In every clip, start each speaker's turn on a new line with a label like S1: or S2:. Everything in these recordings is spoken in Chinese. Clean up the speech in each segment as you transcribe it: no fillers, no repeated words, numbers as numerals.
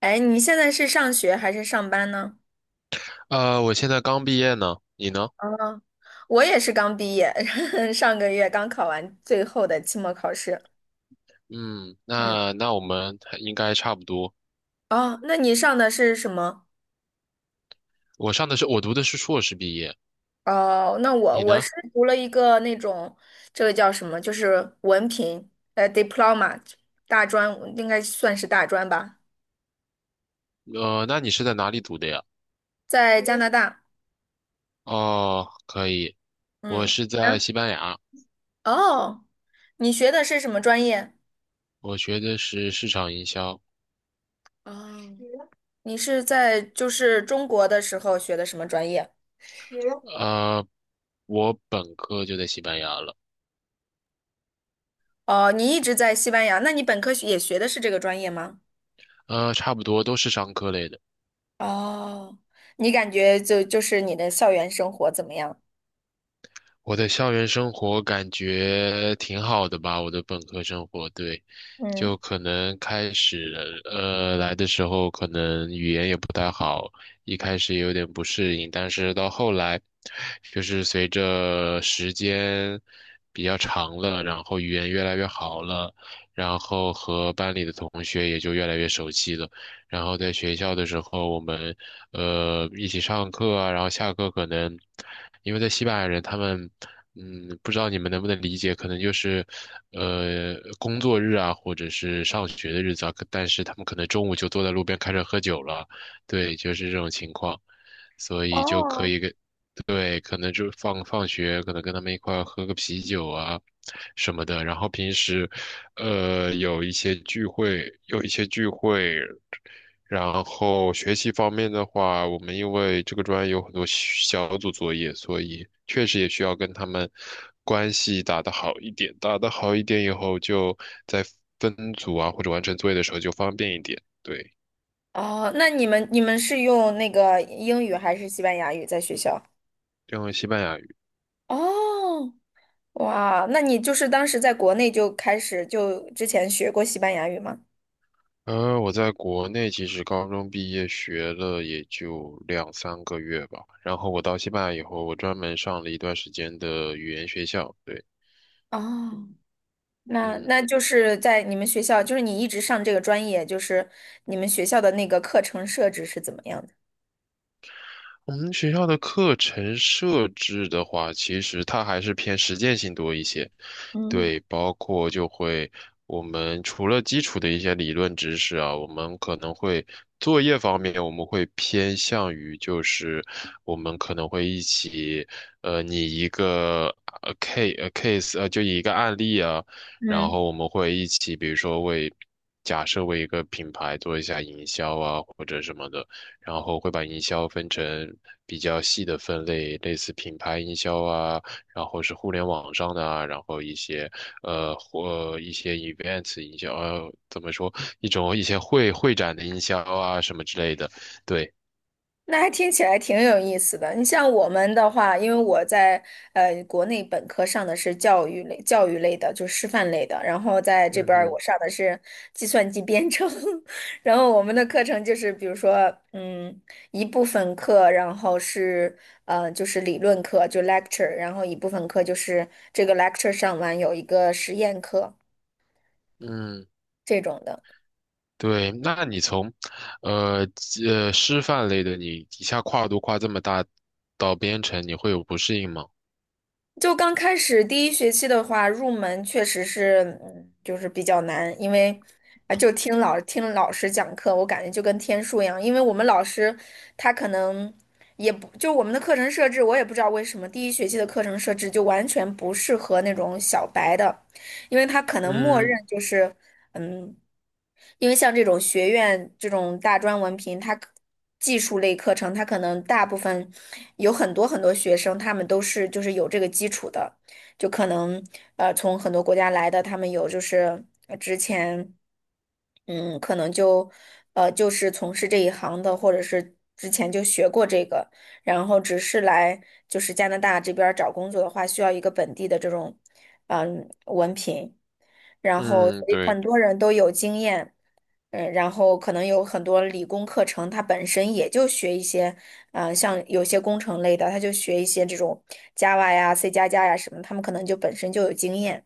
S1: 哎，你现在是上学还是上班呢？
S2: 我现在刚毕业呢，你呢？
S1: 啊，我也是刚毕业，上个月刚考完最后的期末考试。
S2: 嗯，
S1: 嗯，
S2: 那那我们还应该差不多。
S1: 哦，那你上的是什么？
S2: 我读的是硕士毕业，
S1: 哦，那我
S2: 你
S1: 我
S2: 呢？
S1: 是读了一个那种，这个叫什么？就是文凭，diploma，大专，应该算是大专吧，
S2: 那你是在哪里读的呀？
S1: 在加拿大。
S2: 哦，可以，我
S1: 嗯，
S2: 是在西班牙，
S1: 哦，你学的是什么专业？
S2: 我学的是市场营销。
S1: 哦，你是在就是中国的时候学的什么专业？
S2: 呃，我本科就在西班牙了，
S1: 哦，你一直在西班牙，那你本科学也学的是这个专业吗？
S2: 差不多都是商科类的。
S1: 哦，你感觉就是你的校园生活怎么样？
S2: 我的校园生活感觉挺好的吧，我的本科生活，对，
S1: 嗯，
S2: 就可能开始，来的时候可能语言也不太好，一开始也有点不适应，但是到后来，就是随着时间比较长了，然后语言越来越好了，然后和班里的同学也就越来越熟悉了。然后在学校的时候，我们一起上课啊，然后下课可能，因为在西班牙人他们，嗯，不知道你们能不能理解，可能就是，工作日啊，或者是上学的日子啊，但是他们可能中午就坐在路边开始喝酒了，对，就是这种情况，所以就可
S1: 哦，
S2: 以跟，对，可能就放学，可能跟他们一块儿喝个啤酒啊。什么的，然后平时，有一些聚会，然后学习方面的话，我们因为这个专业有很多小组作业，所以确实也需要跟他们关系打得好一点。打得好一点以后，就在分组啊或者完成作业的时候就方便一点。对，
S1: 哦，那你们是用那个英语还是西班牙语在学校？
S2: 这样西班牙语。
S1: 哦，哇，那你就是当时在国内就开始就之前学过西班牙语吗？
S2: 我在国内其实高中毕业学了也就两三个月吧，然后我到西班牙以后，我专门上了一段时间的语言学校。对，
S1: 哦，那
S2: 嗯。
S1: 那就是在你们学校，就是你一直上这个专业，就是你们学校的那个课程设置是怎么样的？
S2: 我们学校的课程设置的话，其实它还是偏实践性多一些。
S1: 嗯。
S2: 对，包括就会我们除了基础的一些理论知识啊，我们可能会作业方面，我们会偏向于就是我们可能会一起，拟一个case 就一个案例啊，然
S1: 嗯。
S2: 后我们会一起，比如说为假设为一个品牌做一下营销啊或者什么的。然后会把营销分成比较细的分类，类似品牌营销啊，然后是互联网上的啊，然后一些呃或呃一些 events 营销，怎么说一些会展的营销啊什么之类的，对，
S1: 那还听起来挺有意思的。你像我们的话，因为我在国内本科上的是教育类、教育类的，就是师范类的，然后在这
S2: 嗯
S1: 边儿我
S2: 哼，
S1: 上的是计算机编程，然后我们的课程就是比如说，一部分课，然后是就是理论课，就 lecture，然后一部分课就是这个 lecture 上完有一个实验课
S2: 嗯。
S1: 这种的。
S2: 对，那你从，呃师范类的，你一下跨度跨这么大，到编程，你会有不适应吗？
S1: 就刚开始第一学期的话，入门确实是，嗯，就是比较难，因为就听老师讲课，我感觉就跟天书一样，因为我们老师他可能也不就我们的课程设置，我也不知道为什么第一学期的课程设置就完全不适合那种小白的，因为他可能默认
S2: 嗯
S1: 就是。嗯，因为像这种学院这种大专文凭，技术类课程，它可能大部分有很多很多学生，他们都是就是有这个基础的，就可能从很多国家来的，他们有就是之前可能就是从事这一行的，或者是之前就学过这个，然后只是来就是加拿大这边儿找工作的话，需要一个本地的这种。嗯。然后所
S2: 嗯，
S1: 以
S2: 对，
S1: 很多人都有经验，嗯，然后可能有很多理工课程，它本身也就学一些，像有些工程类的，他就学一些这种 Java 呀、C 加加呀什么，他们可能就本身就有经验，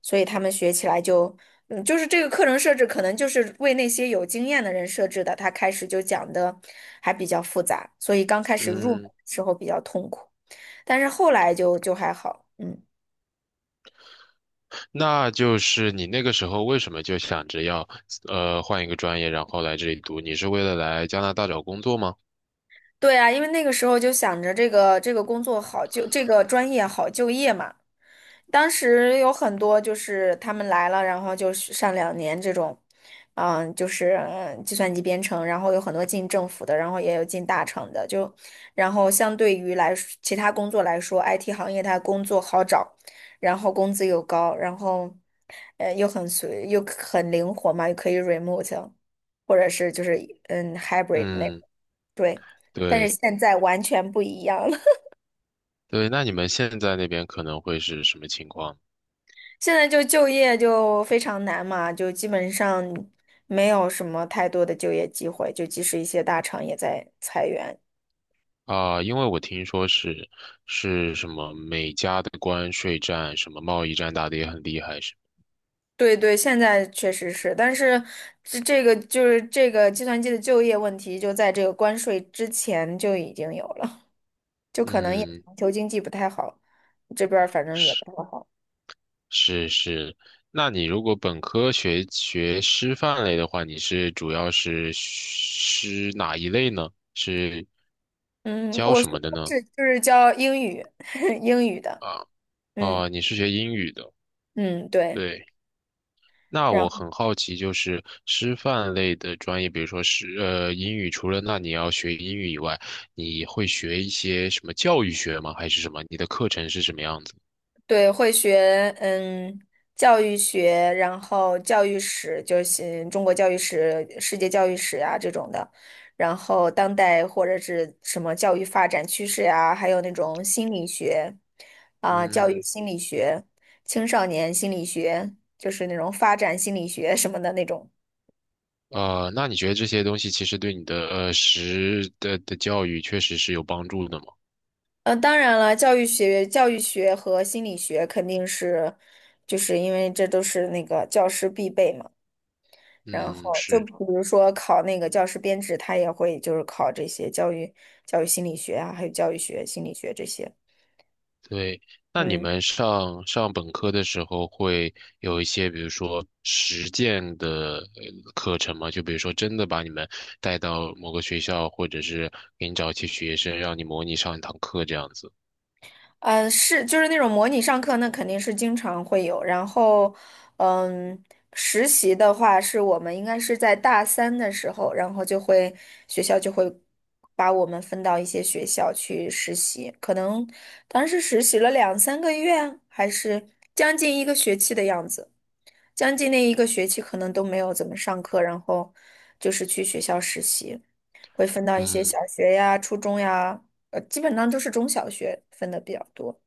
S1: 所以他们学起来就，嗯，就是这个课程设置可能就是为那些有经验的人设置的，他开始就讲的还比较复杂，所以刚开始入门
S2: 嗯。
S1: 的时候比较痛苦，但是后来就还好，嗯。
S2: 那就是你那个时候为什么就想着要换一个专业，然后来这里读？你是为了来加拿大找工作吗？
S1: 对啊，因为那个时候就想着这个工作好就这个专业好就业嘛。当时有很多就是他们来了，然后就是上两年这种，计算机编程，然后有很多进政府的，然后也有进大厂的，就然后相对于来说其他工作来说，IT 行业它工作好找，然后工资又高，然后又又很灵活嘛，又可以 remote，或者是就是hybrid 那个。
S2: 嗯，
S1: 对，但是
S2: 对
S1: 现在完全不一样了。
S2: 对，那你们现在那边可能会是什么情况？
S1: 现在就业就非常难嘛，就基本上没有什么太多的就业机会，就即使一些大厂也在裁员。
S2: 啊？因为我听说是是什么美加的关税战、什么贸易战打得也很厉害，是
S1: 对对，现在确实是，但是这个就是这个计算机的就业问题，就在这个关税之前就已经有了，就可能也
S2: 嗯。
S1: 全球经济不太好，这边儿反正也
S2: 是。
S1: 不太好。
S2: 是是，那你如果本科学学师范类的话，你是主要是师哪一类呢？是
S1: 嗯，
S2: 教
S1: 我
S2: 什
S1: 学的
S2: 么的呢？
S1: 是就是教英语，英语的，
S2: 啊，
S1: 嗯
S2: 哦，你是学英语的，
S1: 嗯，对。
S2: 对。那
S1: 然
S2: 我
S1: 后。
S2: 很好奇，就是师范类的专业，比如说是英语，除了那你要学英语以外，你会学一些什么教育学吗？还是什么？你的课程是什么样子？
S1: 对，会学嗯教育学，然后教育史，就是中国教育史、世界教育史呀这种的，然后当代或者是什么教育发展趋势呀、还有那种心理学啊、教育
S2: 嗯。
S1: 心理学、青少年心理学，就是那种发展心理学什么的那种。
S2: 那你觉得这些东西其实对你的呃实的的教育确实是有帮助的吗？
S1: 嗯，当然了，教育学和心理学肯定是，就是因为这都是那个教师必备嘛。然
S2: 嗯，
S1: 后就
S2: 是，
S1: 比如说考那个教师编制，他也会就是考这些教育心理学啊，还有教育学、心理学这些。
S2: 对。那你
S1: 嗯，
S2: 们上本科的时候会有一些，比如说实践的课程吗？就比如说真的把你们带到某个学校，或者是给你找一些学生，让你模拟上一堂课这样子。
S1: 是就是那种模拟上课，那肯定是经常会有。然后，嗯，实习的话，是我们应该是在大三的时候，然后学校就会把我们分到一些学校去实习，可能当时实习了两三个月，还是将近一个学期的样子。将近那一个学期可能都没有怎么上课，然后就是去学校实习，会分到一些
S2: 嗯。
S1: 小学呀、初中呀，基本上都是中小学分的比较多。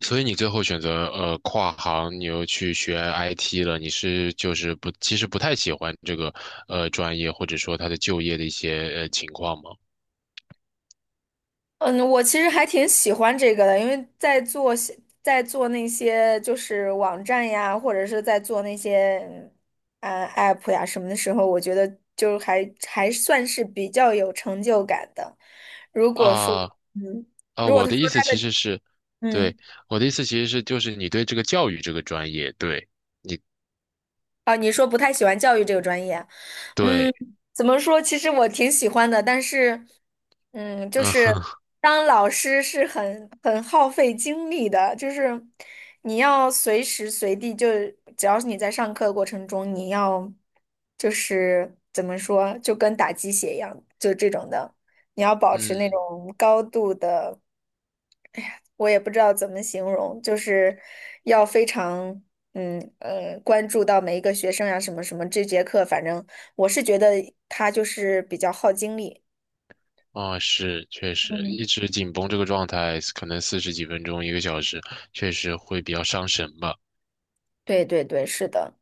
S2: 所以你最后选择跨行，你又去学 IT 了，你是就是不，其实不太喜欢这个专业，或者说它的就业的一些情况吗？
S1: 嗯，我其实还挺喜欢这个的，因为在做那些就是网站呀，或者是在做那些app 呀什么的时候，我觉得还算是比较有成就感的。如果说
S2: 啊、
S1: 嗯，如果
S2: 我
S1: 他
S2: 的
S1: 说
S2: 意思
S1: 他
S2: 其实是，对，
S1: 嗯
S2: 我的意思其实是就是你对这个教育这个专业，对
S1: 啊，你说不太喜欢教育这个专业啊。
S2: 对，
S1: 嗯，怎么说？其实我挺喜欢的，但是，嗯，就
S2: 嗯哼，
S1: 是当老师是很耗费精力的，就是你要随时随地就，只要是你在上课过程中，你要就是怎么说，就跟打鸡血一样，就这种的，你要保持那
S2: 嗯。
S1: 种高度的。我也不知道怎么形容，就是要非常关注到每一个学生呀、什么什么。这节课反正我是觉得他就是比较耗精力。
S2: 是，确实，
S1: 嗯，
S2: 一直紧绷这个状态，可能四十几分钟、一个小时，确实会比较伤神吧。
S1: 对对对，是的。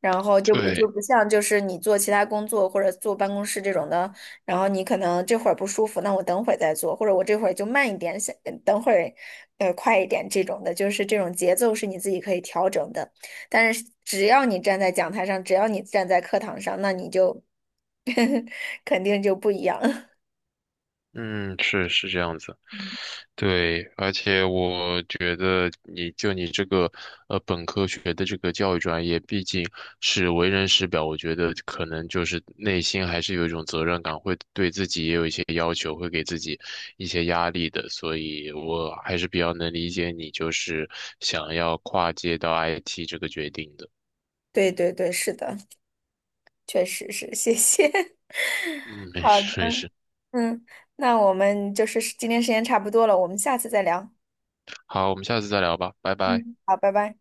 S1: 然后就
S2: 对，
S1: 不像就是你做其他工作或者坐办公室这种的，然后你可能这会儿不舒服，那我等会儿再做，或者我这会儿就慢一点，想等会儿快一点这种的，就是这种节奏是你自己可以调整的。但是只要你站在讲台上，只要你站在课堂上，那你就 肯定就不一样。
S2: 嗯，是是这样子，对，而且我觉得你这个本科学的这个教育专业，毕竟是为人师表，我觉得可能就是内心还是有一种责任感，会对自己也有一些要求，会给自己一些压力的，所以我还是比较能理解你就是想要跨界到 IT 这个决定的。
S1: 对对对，是的，确实是，谢谢。
S2: 嗯，没
S1: 好的，
S2: 事没事，
S1: 嗯，那我们就是今天时间差不多了，我们下次再聊。
S2: 好，我们下次再聊吧，拜拜。
S1: 嗯，好，拜拜。